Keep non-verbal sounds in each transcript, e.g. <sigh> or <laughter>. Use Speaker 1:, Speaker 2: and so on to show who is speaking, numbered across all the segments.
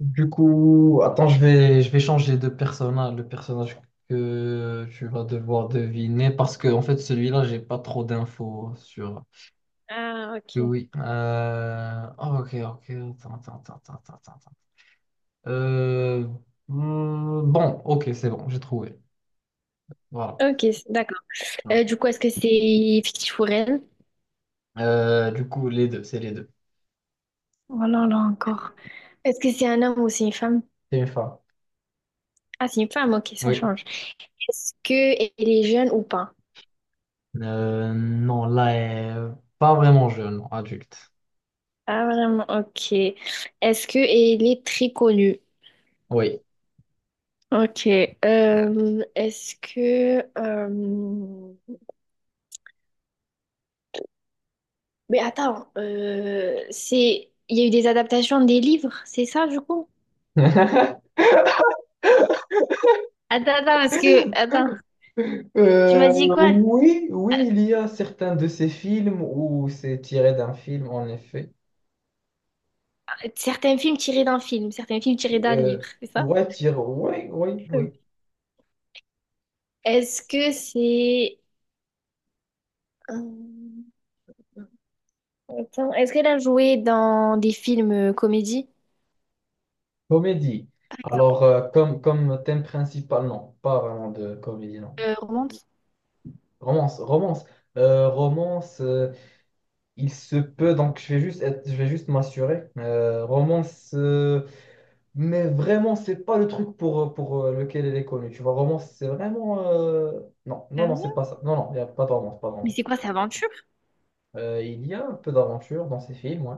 Speaker 1: Du coup, attends, je vais changer de personnage, le personnage que tu vas devoir deviner, parce que en fait, celui-là, j'ai pas trop d'infos sur
Speaker 2: Ah,
Speaker 1: lui.
Speaker 2: ok.
Speaker 1: Oui. Oh, ok, ok, attends. Euh, bon, ok, c'est bon, j'ai trouvé. Voilà.
Speaker 2: Ok, d'accord. Du coup, est-ce que c'est fictif ou réel?
Speaker 1: Du coup, les deux.
Speaker 2: Oh là là, encore. Est-ce que c'est un homme ou c'est une femme?
Speaker 1: C'est une femme.
Speaker 2: Ah, c'est une femme, ok, ça
Speaker 1: Oui.
Speaker 2: change. Est-ce que elle est jeune ou pas?
Speaker 1: Non, là, elle est pas vraiment jeune, adulte.
Speaker 2: Ah, vraiment, ok. Est-ce que elle est très connue?
Speaker 1: Oui.
Speaker 2: Ok. Est-ce que... Mais attends, c'est... Il y a eu des adaptations des livres, c'est ça, du coup?
Speaker 1: <laughs>
Speaker 2: Attends, attends, parce que... Attends, tu m'as
Speaker 1: Euh,
Speaker 2: dit quoi?
Speaker 1: oui, oui, il y a certains de ces films où c'est tiré d'un film, en effet.
Speaker 2: Certains films tirés d'un film, certains films tirés d'un
Speaker 1: Euh,
Speaker 2: livre, c'est ça?
Speaker 1: ouais, tiré, oui, oui,
Speaker 2: Ok.
Speaker 1: oui.
Speaker 2: Est-ce que c'est... euh, attends, est-ce qu'elle a joué dans des films comédies,
Speaker 1: Comédie.
Speaker 2: par
Speaker 1: Alors, comme, comme thème principal, non, pas vraiment de comédie, non.
Speaker 2: exemple, romances?
Speaker 1: Romance, romance. Euh, romance, euh, il se peut, donc je vais juste m'assurer. Mais vraiment, c'est pas le truc pour lequel elle est connue. Tu vois, romance, c'est vraiment non,
Speaker 2: Euh,
Speaker 1: non, non, c'est pas ça. Non, non, il n'y a pas de romance, pas de
Speaker 2: Mais c'est
Speaker 1: romance.
Speaker 2: quoi, c'est aventure?
Speaker 1: Il y a un peu d'aventure dans ces films, ouais.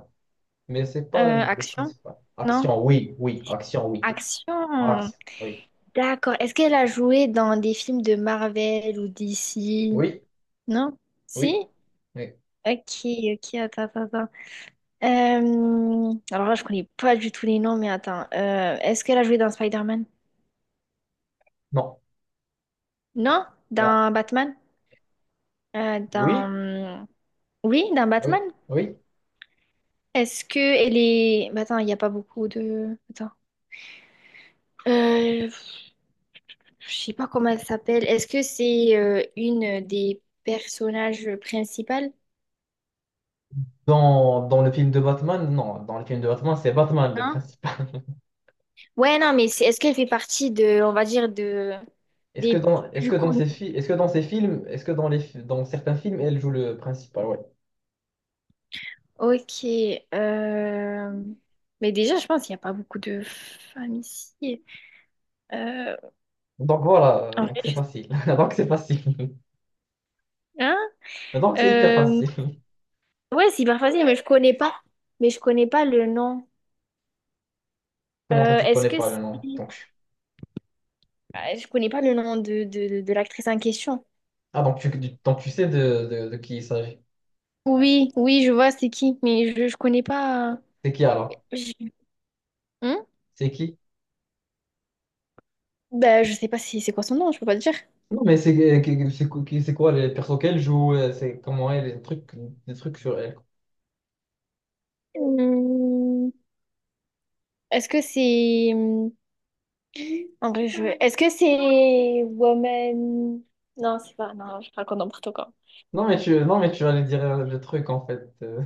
Speaker 1: Mais c'est pas le
Speaker 2: Action?
Speaker 1: principal.
Speaker 2: Non?
Speaker 1: Action, oui, oui. Action, oui.
Speaker 2: Action!
Speaker 1: Action, oui.
Speaker 2: D'accord. Est-ce qu'elle a joué dans des films de Marvel ou DC?
Speaker 1: Oui,
Speaker 2: Non? Si?
Speaker 1: oui, oui.
Speaker 2: Ok, ok, attends, attends, attends. Alors là, je connais pas du tout les noms, mais attends. Est-ce qu'elle a joué dans Spider-Man?
Speaker 1: Non,
Speaker 2: Non,
Speaker 1: non.
Speaker 2: dans Batman.
Speaker 1: Oui,
Speaker 2: Dans... Oui, dans
Speaker 1: oui,
Speaker 2: Batman.
Speaker 1: oui.
Speaker 2: Est-ce que elle est... bah, attends, il n'y a pas beaucoup de... Attends. Euh, je sais pas comment elle s'appelle. Est-ce que c'est une des personnages principales?
Speaker 1: Dans, dans le film de Batman, non. Dans le film de Batman, c'est Batman le
Speaker 2: Non?
Speaker 1: principal.
Speaker 2: Ouais, non, mais c'est... est-ce qu'elle fait partie de, on va dire, de...
Speaker 1: <laughs>
Speaker 2: des
Speaker 1: Est-ce
Speaker 2: plus
Speaker 1: que dans
Speaker 2: connus?
Speaker 1: ces fi- est-ce que dans ces films, est-ce que dans les, fi- Dans certains films, elle joue le principal, ouais.
Speaker 2: Ok. euh, Mais déjà, je pense qu'il n'y a pas beaucoup de femmes ici. Euh,
Speaker 1: Donc voilà,
Speaker 2: En
Speaker 1: donc
Speaker 2: vrai,
Speaker 1: c'est
Speaker 2: je...
Speaker 1: facile. <laughs> Donc c'est facile.
Speaker 2: Hein?
Speaker 1: <laughs> Donc c'est hyper
Speaker 2: Euh,
Speaker 1: facile.
Speaker 2: ouais, c'est hyper facile, mais je connais pas. Mais je connais pas le nom.
Speaker 1: Comment ça, tu
Speaker 2: Est-ce
Speaker 1: connais
Speaker 2: que
Speaker 1: pas
Speaker 2: c'est...
Speaker 1: le nom? Donc,
Speaker 2: Ah, je connais pas le nom de l'actrice en question.
Speaker 1: ah, donc tu sais de qui il s'agit.
Speaker 2: Oui, oui, je vois c'est qui, mais je connais pas. Euh,
Speaker 1: C'est qui alors?
Speaker 2: je... Hein.
Speaker 1: C'est qui?
Speaker 2: Bah, je sais pas si c'est quoi son nom, je peux pas te dire.
Speaker 1: Non, mais C'est quoi les persos qu'elle joue? C'est comment elle, les trucs sur elle.
Speaker 2: Hmm, est-ce que c'est... En vrai, je... Est-ce que c'est... Woman... Non, c'est pas... Non, je raconte n'importe quoi.
Speaker 1: Non, mais tu allais dire le truc en fait.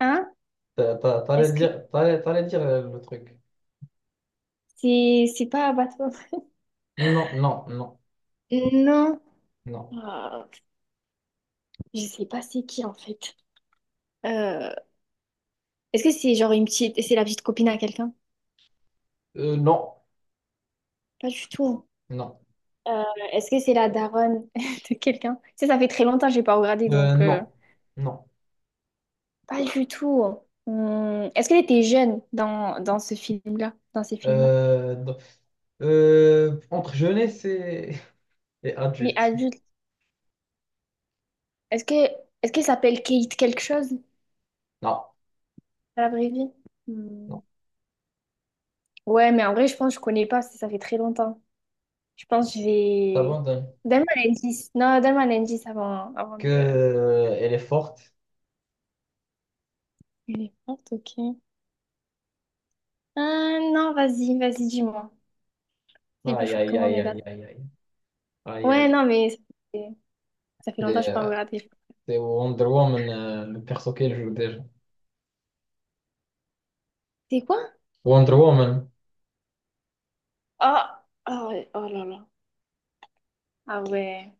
Speaker 2: Hein?
Speaker 1: <laughs> T'allais
Speaker 2: Est-ce que
Speaker 1: dire, t'allais dire le truc.
Speaker 2: c'est... C'est pas Batwoman?
Speaker 1: Non, non, non,
Speaker 2: Non.
Speaker 1: non.
Speaker 2: Ah, je sais pas c'est qui, en fait. Euh, Est-ce que c'est genre une petite, c'est la petite copine à quelqu'un?
Speaker 1: Non,
Speaker 2: Pas du tout.
Speaker 1: non.
Speaker 2: Euh, Est-ce que c'est la daronne <laughs> de quelqu'un? Tu sais, ça fait très longtemps que j'ai pas regardé, donc
Speaker 1: Non, non.
Speaker 2: pas du tout. Est-ce qu'elle était jeune dans ce film-là, dans ces films-là?
Speaker 1: Non. Entre jeunesse et <laughs> et
Speaker 2: Oui,
Speaker 1: adulte.
Speaker 2: adulte. Est-ce que Est-ce qu'elle s'appelle Kate quelque chose
Speaker 1: Non,
Speaker 2: dans la vraie vie?
Speaker 1: non.
Speaker 2: Hum, Ouais, mais en vrai, je pense que je connais pas, parce que ça fait très longtemps. Je pense que je vais.
Speaker 1: T'abandonnes.
Speaker 2: Donne-moi un indice. Non, donne-moi un indice avant, avant
Speaker 1: Que,
Speaker 2: de.
Speaker 1: elle est forte.
Speaker 2: Elle est forte, ok. Ah, non, vas-y, vas-y, dis-moi. C'est plus
Speaker 1: Aïe,
Speaker 2: fort que
Speaker 1: aïe,
Speaker 2: moi,
Speaker 1: aïe,
Speaker 2: mais là.
Speaker 1: aïe, aïe, aïe.
Speaker 2: Ouais,
Speaker 1: Aïe,
Speaker 2: non, mais fait, ça fait longtemps que je n'ai pas
Speaker 1: aïe.
Speaker 2: regardé.
Speaker 1: C'est Wonder Woman, le perso qu'elle joue déjà.
Speaker 2: C'est quoi?
Speaker 1: Wonder Woman.
Speaker 2: Oh, oh, oh là là. Ah ouais.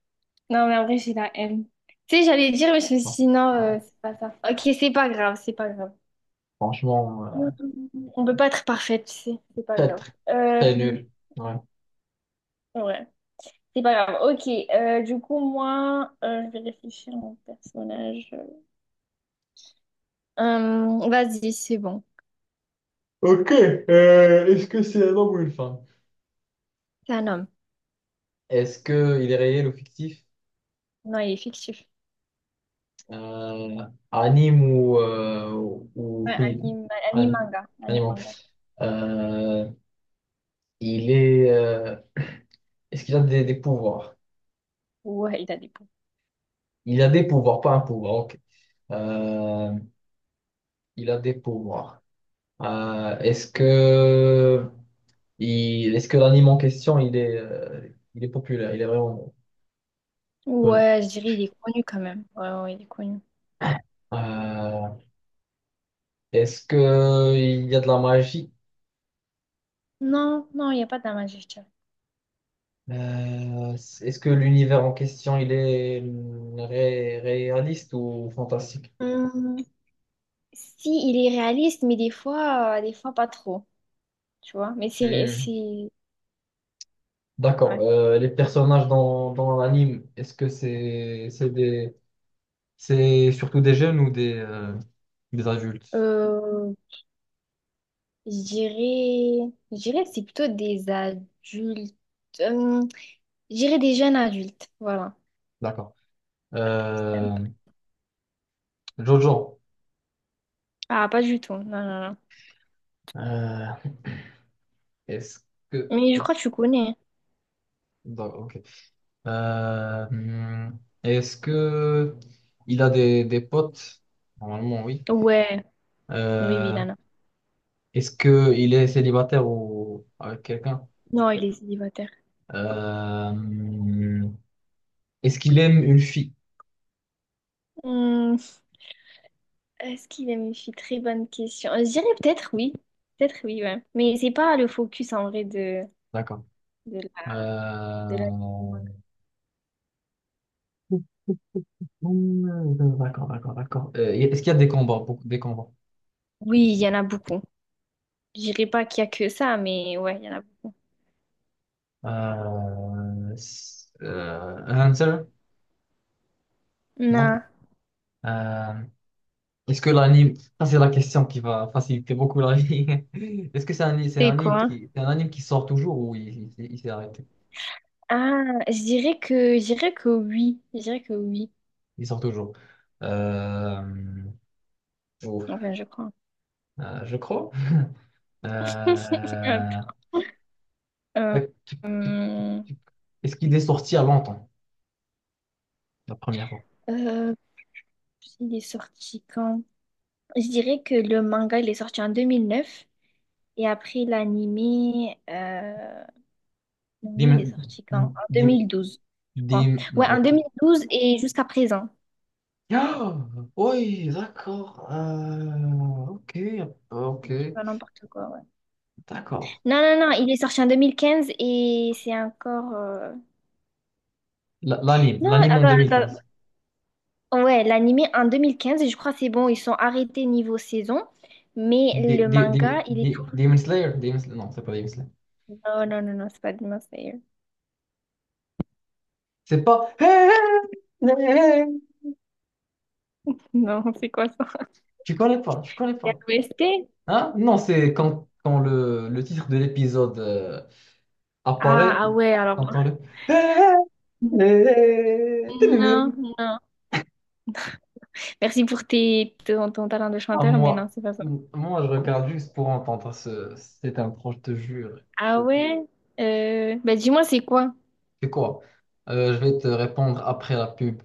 Speaker 2: Non, mais en vrai, j'ai la haine. Tu sais, j'allais dire, mais je me suis
Speaker 1: Bon,
Speaker 2: dit, non,
Speaker 1: ouais,
Speaker 2: c'est pas ça. Ok, c'est pas grave, c'est pas grave.
Speaker 1: franchement,
Speaker 2: On peut pas être parfaite, tu sais. C'est pas
Speaker 1: très,
Speaker 2: grave.
Speaker 1: très, très nul. Ouais.
Speaker 2: Ouais, c'est pas grave. Ok, du coup, moi, je vais réfléchir à mon personnage. Vas-y, c'est bon.
Speaker 1: Ok, est-ce que c'est un homme ou une femme?
Speaker 2: C'est un homme.
Speaker 1: Est-ce que il est réel ou fictif?
Speaker 2: Non, il est fictif.
Speaker 1: Euh, Anime ou, ou
Speaker 2: Ouais,
Speaker 1: film?
Speaker 2: anime, anime
Speaker 1: Anime.
Speaker 2: manga. Anime
Speaker 1: Anime.
Speaker 2: manga.
Speaker 1: Euh, il est. Est-ce qu'il a des pouvoirs?
Speaker 2: Ouais, il a des pouvoirs.
Speaker 1: Il a des pouvoirs, pas un pouvoir. Ok. Euh, il a des pouvoirs. Euh, est-ce que Est-ce que l'anime en question, il est populaire, il est vraiment connu?
Speaker 2: Ouais, je dirais il est connu quand même. Ouais, ouais, il est connu.
Speaker 1: Euh, Est-ce que il y a de la magie?
Speaker 2: Non, non, il n'y a pas d'Amajectia.
Speaker 1: Est-ce que l'univers en question, il est réaliste ou fantastique?
Speaker 2: Hum, si, il est réaliste, mais des fois pas trop, tu vois. Mais
Speaker 1: Hmm.
Speaker 2: c'est,
Speaker 1: D'accord.
Speaker 2: ouais.
Speaker 1: Les personnages dans l'anime, est-ce que c'est des c'est surtout des jeunes ou des adultes?
Speaker 2: Euh, je dirais que c'est plutôt des adultes. Hum, je dirais des jeunes adultes, voilà.
Speaker 1: D'accord. Euh,
Speaker 2: Simple.
Speaker 1: Jojo.
Speaker 2: Ah, pas du tout, non, non, non.
Speaker 1: Euh, est-ce que
Speaker 2: Mais je crois que
Speaker 1: est
Speaker 2: tu connais, hein.
Speaker 1: Euh, hmm, Est-ce que il a des potes? Normalement, oui.
Speaker 2: Ouais, oui, oui,
Speaker 1: Euh,
Speaker 2: Lana.
Speaker 1: Est-ce que il est célibataire ou avec quelqu'un?
Speaker 2: Non, il est célibataire.
Speaker 1: Euh, hmm, Est-ce qu'il aime une fille?
Speaker 2: Hum, Est-ce qu'il aime une fille? Très bonne question. Je dirais peut-être oui. Peut-être oui, ouais. Mais c'est pas le focus en vrai
Speaker 1: D'accord.
Speaker 2: de la, de la- du
Speaker 1: Euh,
Speaker 2: manga.
Speaker 1: d'accord, d'accord, d'accord. Est-ce qu'il y a des combats? Beaucoup des combats.
Speaker 2: Oui, il y en a beaucoup. Je dirais pas qu'il y a que ça, mais ouais, il y en a beaucoup.
Speaker 1: Hunter? Non.
Speaker 2: Non.
Speaker 1: Euh, Est-ce que l'anime, ça c'est la question qui va faciliter beaucoup la vie. <laughs> Est-ce que
Speaker 2: C'est quoi?
Speaker 1: c'est un anime qui sort toujours ou il s'est arrêté?
Speaker 2: Ah, je dirais que oui. Je dirais que oui.
Speaker 1: Il sort toujours. Euh, ouf,
Speaker 2: Enfin, je crois.
Speaker 1: je crois.
Speaker 2: <laughs> Hop.
Speaker 1: Euh,
Speaker 2: Euh,
Speaker 1: tac, tic, tic,
Speaker 2: euh,
Speaker 1: tic. Est-ce qu'il est sorti à longtemps, la première fois?
Speaker 2: euh, il est sorti quand? Je dirais que le manga, il est sorti en 2009. Et après, l'animé l'anime,
Speaker 1: Dim,
Speaker 2: il est sorti quand? En deux
Speaker 1: dim,
Speaker 2: mille douze je crois. Ouais,
Speaker 1: non,
Speaker 2: en deux
Speaker 1: ok.
Speaker 2: mille
Speaker 1: <gasps>
Speaker 2: douze et jusqu'à présent.
Speaker 1: Ah, oui, d'accord. Ok,
Speaker 2: Je
Speaker 1: ok,
Speaker 2: dis pas n'importe quoi, ouais.
Speaker 1: d'accord.
Speaker 2: Non, non, non, il est sorti en 2015 et c'est encore...
Speaker 1: L'anime,
Speaker 2: non,
Speaker 1: l'anime en
Speaker 2: attends, attends.
Speaker 1: 2015.
Speaker 2: Ouais, l'anime en 2015 et je crois que c'est bon, ils sont arrêtés niveau saison. Mais le manga, il est tout...
Speaker 1: Demon Slayer? Non, c'est pas Demon Slayer.
Speaker 2: Non, non, non, non, c'est pas Demon Slayer.
Speaker 1: C'est pas. Hey, hey, hey, hey. Hey, hey.
Speaker 2: <laughs> Non, c'est quoi ça?
Speaker 1: Tu connais pas, tu connais
Speaker 2: C'est un
Speaker 1: pas.
Speaker 2: OST?
Speaker 1: Hein? Non, c'est quand, quand le titre de l'épisode
Speaker 2: Ah,
Speaker 1: apparaît,
Speaker 2: ah ouais, alors...
Speaker 1: t'entends le. Hey, hey, hey,
Speaker 2: Non,
Speaker 1: hey.
Speaker 2: non. Merci pour ton talent de
Speaker 1: Ah,
Speaker 2: chanteur, mais non, c'est pas ça.
Speaker 1: moi, je regarde juste pour entendre cette intro, je te jure.
Speaker 2: Ah ouais? Bah dis-moi, c'est quoi?
Speaker 1: C'est quoi? Je vais te répondre après la pub.